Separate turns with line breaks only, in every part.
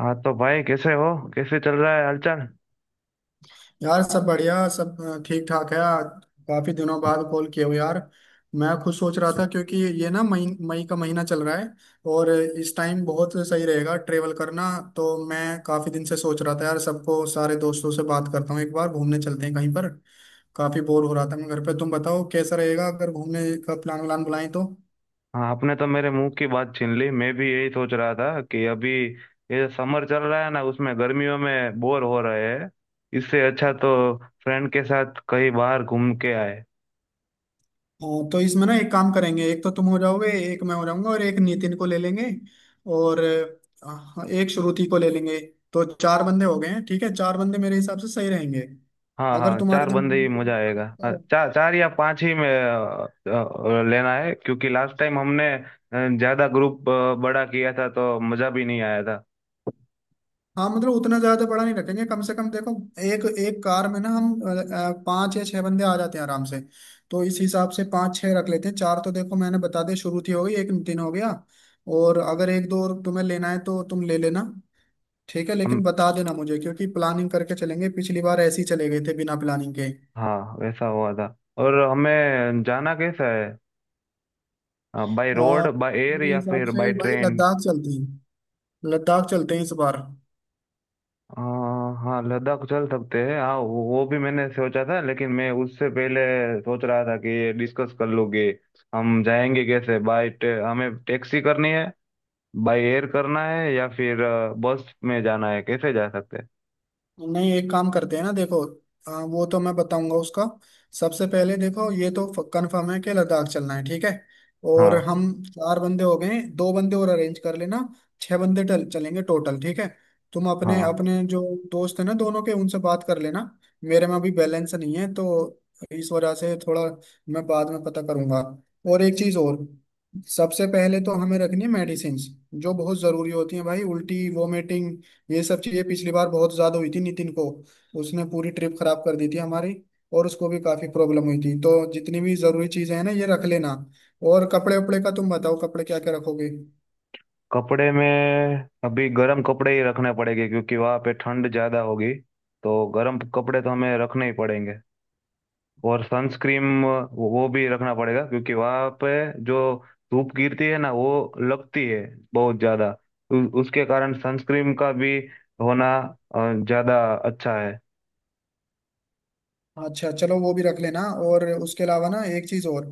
हाँ तो भाई कैसे हो। कैसे चल रहा है हालचाल।
यार सब बढ़िया सब ठीक ठाक है आज। काफी दिनों बाद कॉल किया हो यार। मैं खुद सोच रहा था क्योंकि ये ना मई मई का महीना चल रहा है और इस टाइम बहुत सही रहेगा ट्रेवल करना। तो मैं काफी दिन से सोच रहा था यार, सबको सारे दोस्तों से बात करता हूँ एक बार घूमने चलते हैं कहीं पर। काफी बोर हो रहा था मैं घर पे। तुम बताओ कैसा रहेगा अगर घूमने का प्लान व्लान बुलाएं तो।
हाँ आपने तो मेरे मुंह की बात छीन ली। मैं भी यही सोच रहा था कि अभी ये समर चल रहा है ना, उसमें गर्मियों में बोर हो रहे हैं। इससे अच्छा तो फ्रेंड के साथ कहीं बाहर घूम के आए।
हाँ तो इसमें ना एक काम करेंगे, एक तो तुम हो जाओगे, एक मैं हो जाऊंगा और एक नितिन को ले लेंगे और एक श्रुति को ले लेंगे। तो चार बंदे हो गए हैं। ठीक है, चार बंदे मेरे हिसाब से सही रहेंगे।
हाँ
अगर
हाँ
तुम्हारे
चार
दिमाग
बंदे ही
में कोई
मजा
आ
आएगा।
रहा
हाँ,
है तो।
चार चार या पांच ही में लेना है, क्योंकि लास्ट टाइम हमने ज्यादा ग्रुप बड़ा किया था तो मजा भी नहीं आया था।
हाँ मतलब उतना ज्यादा बड़ा नहीं रखेंगे, कम से कम देखो एक एक कार में ना हम पाँच या छह बंदे आ जाते हैं आराम से। तो इस हिसाब से पाँच छह रख लेते हैं। चार तो देखो मैंने बता दिया, श्रुति हो गई, एक नितिन हो गया। और अगर एक दो और तुम्हें लेना है तो तुम ले लेना। ठीक है, लेकिन
हम,
बता देना मुझे क्योंकि प्लानिंग करके चलेंगे। पिछली बार ऐसे ही चले गए थे बिना प्लानिंग के।
हाँ वैसा हुआ था। और हमें जाना कैसा है, by
uh,
road, by air
मेरे
या
हिसाब
फिर बाय
से भाई
ट्रेन?
लद्दाख चलते हैं। लद्दाख चलते हैं इस बार।
हाँ लद्दाख चल सकते हैं। हाँ, वो भी मैंने सोचा था, लेकिन मैं उससे पहले सोच रहा था कि ये डिस्कस कर लोगे। हम जाएंगे कैसे? बाय, हमें टैक्सी करनी है, बाय एयर करना है, या फिर बस में जाना है? कैसे जा सकते हैं?
नहीं एक काम करते हैं ना देखो, वो तो मैं बताऊंगा उसका। सबसे पहले देखो ये तो कंफर्म है कि लद्दाख चलना है, ठीक है। और
हाँ।
हम चार बंदे हो गए, दो बंदे और अरेंज कर लेना। छह बंदे चलेंगे टोटल, ठीक है। तुम अपने
हाँ।
अपने जो दोस्त है ना दोनों के उनसे बात कर लेना। मेरे में अभी बैलेंस नहीं है तो इस वजह से थोड़ा मैं बाद में पता करूंगा। और एक चीज और, सबसे पहले तो हमें रखनी है मेडिसिन जो बहुत जरूरी होती है भाई। उल्टी वोमिटिंग ये सब चीजें पिछली बार बहुत ज्यादा हुई थी नितिन को। उसने पूरी ट्रिप खराब कर दी थी हमारी और उसको भी काफी प्रॉब्लम हुई थी। तो जितनी भी जरूरी चीजें हैं ना ये रख लेना। और कपड़े वपड़े का तुम बताओ, कपड़े क्या क्या रखोगे।
कपड़े में अभी गर्म कपड़े ही रखने पड़ेंगे, क्योंकि वहाँ पे ठंड ज़्यादा होगी। तो गर्म कपड़े तो हमें रखने ही पड़ेंगे। और सनस्क्रीन वो भी रखना पड़ेगा, क्योंकि वहां पे जो धूप गिरती है ना, वो लगती है बहुत ज्यादा। उसके कारण सनस्क्रीन का भी होना अ, ज्यादा अच्छा है।
अच्छा चलो वो भी रख लेना। और उसके अलावा ना एक चीज और,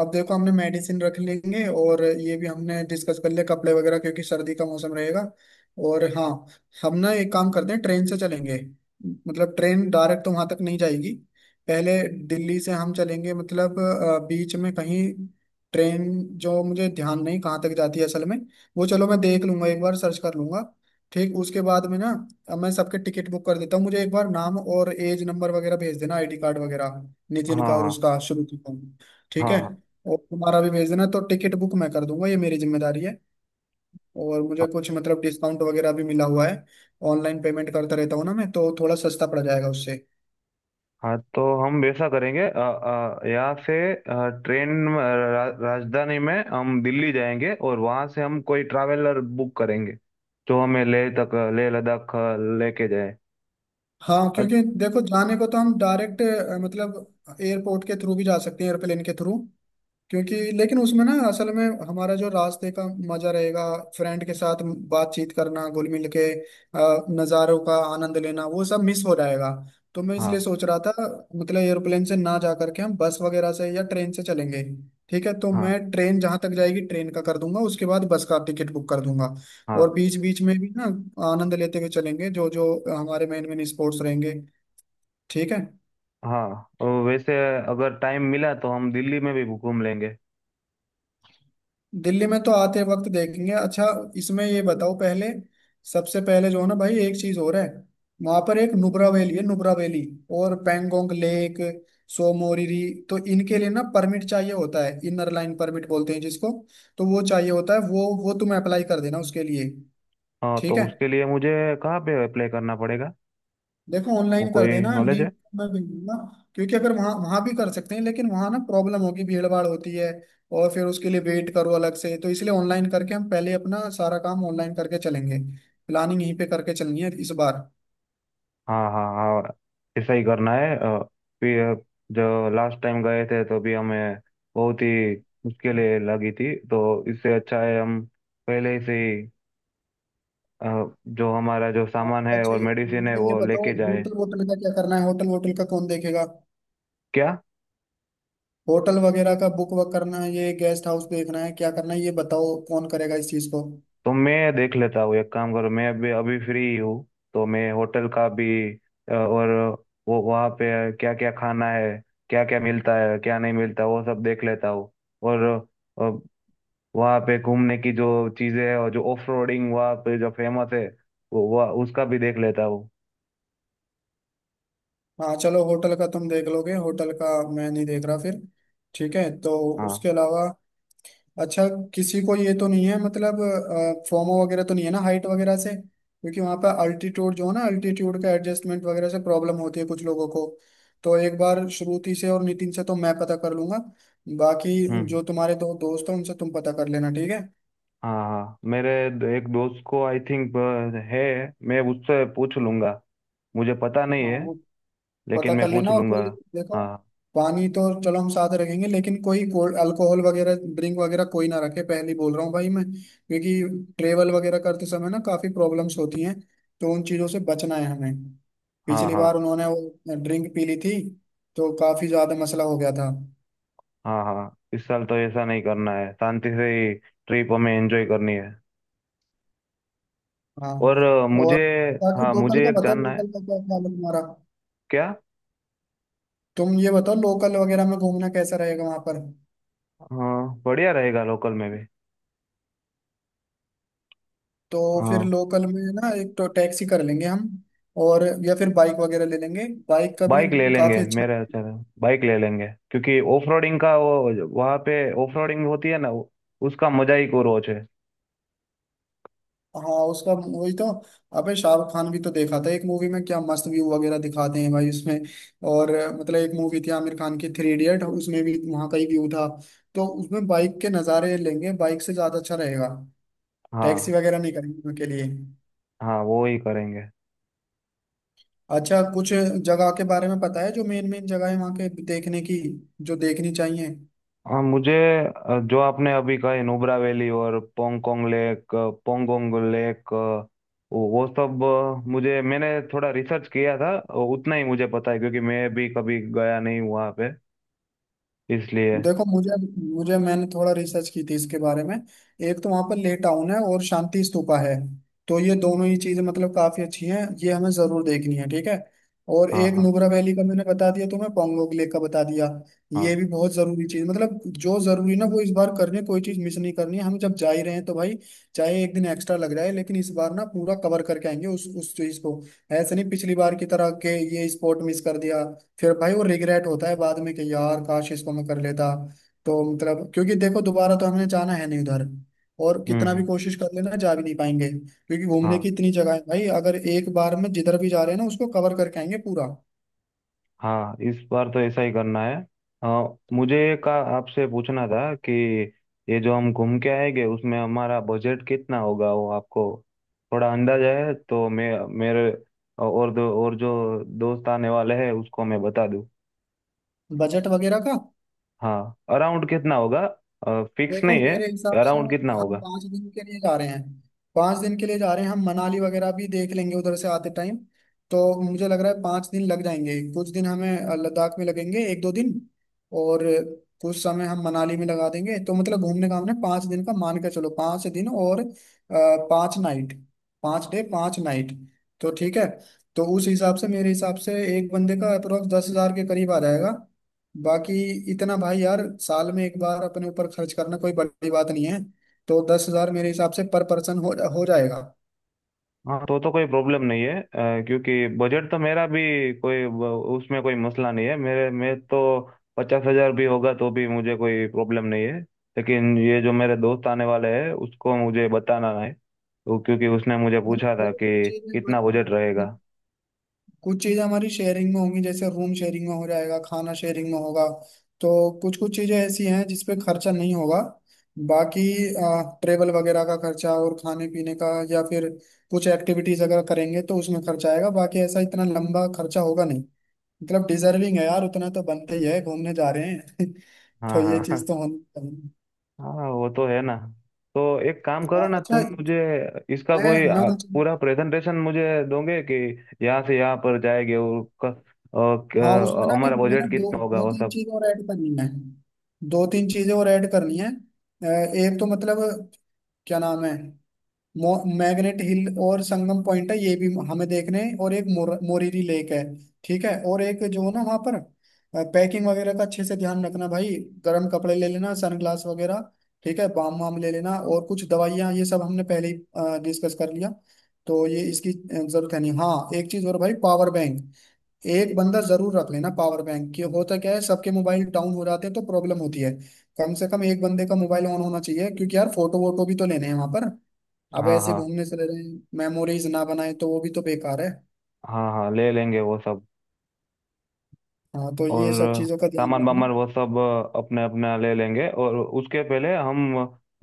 अब देखो हमने मेडिसिन रख लेंगे और ये भी हमने डिस्कस कर लिया कपड़े वगैरह क्योंकि सर्दी का मौसम रहेगा। और हाँ, हम ना एक काम करते हैं, ट्रेन से चलेंगे। मतलब ट्रेन डायरेक्ट तो वहां तक नहीं जाएगी। पहले दिल्ली से हम चलेंगे, मतलब बीच में कहीं ट्रेन जो मुझे ध्यान नहीं कहाँ तक जाती है असल में। वो चलो मैं देख लूंगा एक बार सर्च कर लूंगा। ठीक, उसके बाद में ना अब मैं सबके टिकट बुक कर देता हूँ। मुझे एक बार नाम और एज नंबर वगैरह भेज देना, आईडी कार्ड वगैरह,
हाँ।
नितिन का और
हाँ।
उसका शुरू का, ठीक
हाँ।
है।
हाँ।
और तुम्हारा भी भेज देना तो टिकट बुक मैं कर दूंगा, ये मेरी जिम्मेदारी है। और मुझे
हाँ।
कुछ मतलब डिस्काउंट वगैरह भी मिला हुआ है। ऑनलाइन पेमेंट करता रहता हूँ ना मैं तो थोड़ा सस्ता पड़ जाएगा उससे।
हाँ, तो हम वैसा करेंगे। यहाँ से ट्रेन में, राजधानी में हम दिल्ली जाएंगे और वहाँ से हम कोई ट्रैवलर बुक करेंगे जो हमें लेह तक, लेह लद्दाख लेके जाए।
हाँ
अ-
क्योंकि देखो जाने को तो हम डायरेक्ट मतलब एयरपोर्ट के थ्रू भी जा सकते हैं, एयरप्लेन के थ्रू। क्योंकि लेकिन उसमें ना असल में हमारा जो रास्ते का मजा रहेगा, फ्रेंड के साथ बातचीत करना, घुल मिल के नज़ारों का आनंद लेना, वो सब मिस हो जाएगा। तो मैं इसलिए
हाँ।
सोच रहा था, मतलब एयरप्लेन से ना जा करके हम बस वगैरह से या ट्रेन से चलेंगे। ठीक है, तो मैं
हाँ।
ट्रेन जहां तक जाएगी ट्रेन का कर दूंगा, उसके बाद बस का टिकट बुक कर दूंगा।
हाँ।
और बीच बीच में भी ना आनंद लेते हुए चलेंगे, जो जो हमारे मेन मेन स्पोर्ट्स रहेंगे, ठीक है।
हाँ, और वैसे अगर टाइम मिला तो हम दिल्ली में भी घूम लेंगे।
दिल्ली में तो आते वक्त देखेंगे। अच्छा, इसमें ये बताओ, पहले सबसे पहले जो है ना भाई, एक चीज और है, वहां पर एक नुब्रा वैली है, नुब्रा वैली और पेंगोंग लेक, सोमोरिरी। तो इनके लिए ना परमिट चाहिए होता है, इनर लाइन परमिट बोलते हैं जिसको। तो वो चाहिए होता है, वो तुम अप्लाई कर देना उसके लिए,
हाँ, तो
ठीक है।
उसके लिए मुझे कहाँ पे अप्लाई करना पड़ेगा?
देखो
वो
ऑनलाइन
कोई
कर देना,
नॉलेज है?
लिंक मैं भेज दूंगा। क्योंकि अगर वहाँ वहाँ भी कर सकते हैं, लेकिन वहाँ ना प्रॉब्लम होगी, भीड़ भाड़ होती है। और फिर उसके लिए वेट करो अलग से, तो इसलिए ऑनलाइन करके हम पहले अपना सारा काम ऑनलाइन करके चलेंगे। प्लानिंग यहीं पे करके चलनी है इस बार।
हाँ, हाँ, हाँ, ऐसा ही करना है। फिर जो लास्ट टाइम गए थे तो भी हमें बहुत ही मुश्किलें लगी थी। तो इससे अच्छा है हम पहले से ही अ, जो हमारा जो सामान है
अच्छा
और
ये
मेडिसिन है
मतलब ये
वो
बताओ,
लेके जाए।
होटल वोटल का क्या करना है, होटल वोटल का कौन देखेगा।
क्या?
होटल वगैरह का बुक वक करना है, ये गेस्ट हाउस देखना है, क्या करना है, ये बताओ कौन करेगा इस चीज को।
तो मैं देख लेता हूँ। एक काम करो, मैं अभी अभी फ्री हूँ, तो मैं होटल का भी और वो वहाँ पे क्या क्या खाना है, क्या क्या मिलता है, क्या नहीं मिलता, वो सब देख लेता हूँ। और अ, वहाँ पे घूमने की जो चीज़ें हैं, और जो ऑफ रोडिंग वहाँ पे जो फेमस है, वो वह उसका भी देख लेता हूँ।
हाँ चलो, होटल का तुम देख लोगे होटल का, मैं नहीं देख रहा फिर, ठीक है। तो
हाँ।
उसके अलावा, अच्छा, किसी को ये तो नहीं है मतलब फोमो वगैरह तो नहीं है ना हाइट वगैरह से, क्योंकि वहां पर अल्टीट्यूड जो है ना, अल्टीट्यूड का एडजस्टमेंट वगैरह से प्रॉब्लम होती है कुछ लोगों को। तो एक बार श्रुति से और नितिन से तो मैं पता कर लूंगा, बाकी
हम्म।
जो तुम्हारे दो दोस्त हैं उनसे तुम पता कर लेना, ठीक है।
हाँ हाँ, मेरे एक दोस्त को आई थिंक है। मैं उससे पूछ लूँगा। मुझे पता नहीं है,
हाँ
लेकिन
पता कर
मैं पूछ
लेना। और
लूँगा।
कोई, देखो
हाँ।
पानी तो चलो हम साथ रखेंगे, लेकिन कोई अल्कोहल वगैरह, ड्रिंक वगैरह कोई ना रखे, पहले ही बोल रहा हूँ भाई मैं, क्योंकि ट्रेवल वगैरह करते समय ना काफी प्रॉब्लम्स होती हैं। तो उन चीजों से बचना है हमें।
हाँ।
पिछली
हाँ
बार उन्होंने वो ड्रिंक पी ली थी तो काफी ज्यादा मसला हो गया था।
हाँ, हाँ इस साल तो ऐसा नहीं करना है, शांति से ही ट्रिप हमें एंजॉय करनी है।
हाँ।
और मुझे,
और बाकी
हाँ
लोकल
मुझे
का
एक
बताओ,
जानना है।
लोकल का क्या ख्याल है तुम्हारा।
क्या?
तुम ये बताओ लोकल वगैरह में घूमना कैसा रहेगा वहां पर।
हाँ, बढ़िया रहेगा, लोकल में भी।
तो फिर
हाँ,
लोकल में ना एक तो टैक्सी कर लेंगे हम, और या फिर बाइक वगैरह ले लेंगे, बाइक का भी
बाइक ले लेंगे
काफी अच्छा।
मेरे, बाइक ले लेंगे, क्योंकि ऑफ रोडिंग का वो वहाँ पे ऑफ रोडिंग होती है ना, उसका मजा ही कुछ और है।
हाँ, उसका वही तो, अबे शाहरुख खान भी तो देखा था एक मूवी में, क्या मस्त व्यू वगैरह दिखाते हैं भाई उसमें। और मतलब एक मूवी थी आमिर खान की, थ्री इडियट, उसमें भी वहाँ का ही व्यू था। तो उसमें बाइक के नज़ारे लेंगे, बाइक से ज़्यादा अच्छा रहेगा,
हाँ।
टैक्सी वगैरह नहीं करेंगे उनके लिए।
हाँ, वो ही करेंगे।
अच्छा कुछ जगह के बारे में पता है, जो मेन मेन जगह है वहाँ के देखने की, जो देखनी चाहिए।
हाँ मुझे, जो आपने अभी कहा, नुब्रा वैली और पोंगकोंग लेक, पोंगोंग लेक, वो सब, मुझे, मैंने थोड़ा रिसर्च किया था, उतना ही मुझे पता है, क्योंकि मैं भी कभी गया नहीं हूँ वहाँ पे, इसलिए।
देखो मुझे मुझे मैंने थोड़ा रिसर्च की थी इसके बारे में। एक तो वहां पर ले टाउन है और शांति स्तूपा है। तो ये दोनों ही चीजें मतलब काफी अच्छी हैं, ये हमें जरूर देखनी है, ठीक है। और
हाँ।
एक
हाँ।
नुब्रा वैली का मैंने बता दिया तुम्हें, पोंगोंग लेक का बता दिया,
हाँ।
ये भी बहुत जरूरी चीज। मतलब जो जरूरी ना वो इस बार करनी, कोई चीज मिस नहीं करनी है हम जब जा ही रहे हैं तो भाई। चाहे एक दिन एक्स्ट्रा लग जाए, लेकिन इस बार ना पूरा कवर करके आएंगे उस चीज को। ऐसे नहीं पिछली बार की तरह के ये स्पॉट मिस कर दिया, फिर भाई वो रिग्रेट होता है बाद में कि यार काश इसको मैं कर लेता। तो मतलब क्योंकि देखो दोबारा तो हमने जाना है नहीं उधर, और
हम्म।
कितना भी
हम्म।
कोशिश कर लेना जा भी नहीं पाएंगे, क्योंकि घूमने
हाँ।
की इतनी जगह है भाई। अगर एक बार में जिधर भी जा रहे हैं ना उसको कवर करके आएंगे पूरा।
हाँ, इस बार तो ऐसा ही करना है। हाँ मुझे का आपसे पूछना था कि ये जो हम घूम के आएंगे उसमें हमारा बजट कितना होगा, वो आपको थोड़ा अंदाजा है? तो मैं मेरे और दो और जो दोस्त आने वाले हैं उसको मैं बता दूँ।
बजट वगैरह का
हाँ, अराउंड कितना होगा? फिक्स
देखो
नहीं है,
मेरे हिसाब से,
अराउंड कितना
हम
होगा?
5 दिन के लिए जा रहे हैं। 5 दिन के लिए जा रहे हैं हम, मनाली वगैरह भी देख लेंगे उधर से आते टाइम। तो मुझे लग रहा है 5 दिन लग जाएंगे, कुछ दिन हमें लद्दाख में लगेंगे 1 2 दिन, और कुछ समय हम मनाली में लगा देंगे। तो मतलब घूमने का हमने 5 दिन का मान के, चलो 5 दिन और 5 नाइट, 5 डे 5 नाइट, तो ठीक है। तो उस हिसाब से, मेरे हिसाब से एक बंदे का अप्रोक्स 10,000 के करीब आ जाएगा। बाकी इतना भाई, यार साल में एक बार अपने ऊपर खर्च करना कोई बड़ी बात नहीं है। तो 10,000 मेरे हिसाब से पर पर्सन हो जाएगा।
हाँ, तो कोई प्रॉब्लम नहीं है, क्योंकि बजट तो मेरा भी, कोई ब- उसमें कोई मसला नहीं है, मेरे में तो 50 हज़ार भी होगा तो भी मुझे कोई प्रॉब्लम नहीं है। लेकिन ये जो मेरे दोस्त आने वाले हैं उसको मुझे बताना है, तो क्योंकि उसने मुझे
मतलब
पूछा था
जैसे
कि कितना बजट रहेगा।
कुछ चीजें हमारी शेयरिंग में होंगी, जैसे रूम शेयरिंग में हो जाएगा, खाना शेयरिंग में होगा। तो कुछ कुछ चीजें ऐसी हैं जिस पे खर्चा नहीं होगा। बाकी ट्रेवल वगैरह का खर्चा और खाने पीने का, या फिर कुछ एक्टिविटीज अगर करेंगे तो उसमें खर्चा आएगा, बाकी ऐसा इतना लंबा खर्चा होगा नहीं। मतलब डिजर्विंग है यार, उतना तो बनते ही है, घूमने जा रहे हैं तो
हाँ
ये
हाँ
चीज तो होनी चाहिए।
हाँ हाँ, वो तो है ना। तो एक काम
हाँ,
करो ना, तुम
अच्छा,
मुझे इसका
मैं
कोई
मैं उन।
पूरा प्रेजेंटेशन मुझे दोगे कि यहाँ से यहाँ पर जाएंगे और
हाँ उसमें ना भी
हमारा
मैंने
बजट
दो
कितना होगा
दो
वो
तीन
सब।
चीजें और ऐड करनी है, दो तीन चीजें और ऐड करनी है। एक तो मतलब क्या नाम है, मैग्नेट हिल और संगम पॉइंट है, ये भी हमें देखने हैं, और एक मोरीरी लेक है, ठीक है। और एक जो ना वहाँ पर पैकिंग वगैरह का अच्छे से ध्यान रखना भाई, गर्म कपड़े ले लेना, सनग्लास वगैरह, ठीक है, बाम वाम ले लेना और कुछ दवाइयाँ, ये सब हमने पहले ही डिस्कस कर लिया। तो ये इसकी जरूरत है नहीं। हाँ एक चीज और भाई, पावर बैंक एक बंदा जरूर रख लेना पावर बैंक, कि होता क्या है सबके मोबाइल डाउन हो जाते हैं तो प्रॉब्लम होती है। कम से कम एक बंदे का मोबाइल ऑन होना चाहिए, क्योंकि यार फोटो वोटो भी तो लेने हैं वहां पर। अब
हाँ।
ऐसे
हाँ
घूमने चले रहे हैं, मेमोरीज ना बनाए तो वो भी तो बेकार है।
हाँ हाँ, ले लेंगे वो सब।
हाँ तो
और
ये सब चीजों का ध्यान
सामान
रखना।
वामान वो सब अपने अपना ले लेंगे। और उसके पहले हम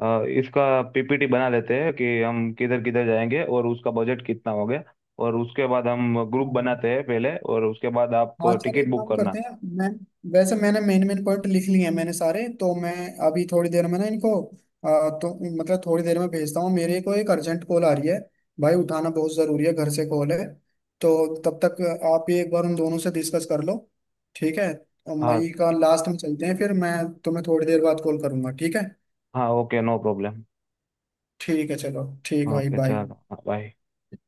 इसका पीपीटी बना लेते हैं कि हम किधर किधर जाएंगे और उसका बजट कितना हो गया। और उसके बाद हम ग्रुप
हाँ
बनाते हैं पहले, और उसके बाद आप
हाँ चल
टिकट
एक
बुक
काम
करना।
करते हैं, मैं, वैसे मैंने मेन मेन पॉइंट लिख लिए हैं मैंने सारे, तो मैं अभी थोड़ी देर में ना इनको, तो मतलब थोड़ी देर में भेजता हूँ। मेरे को एक अर्जेंट कॉल आ रही है भाई, उठाना बहुत जरूरी है, घर से कॉल है, तो तब तक आप ये एक बार उन दोनों से डिस्कस कर लो, ठीक है। और
हाँ
मई का लास्ट में चलते हैं, फिर मैं तुम्हें थोड़ी देर बाद कॉल करूंगा, ठीक है।
हाँ, ओके नो प्रॉब्लम।
ठीक है चलो, ठीक है भाई,
ओके,
बाय।
चलो बाय।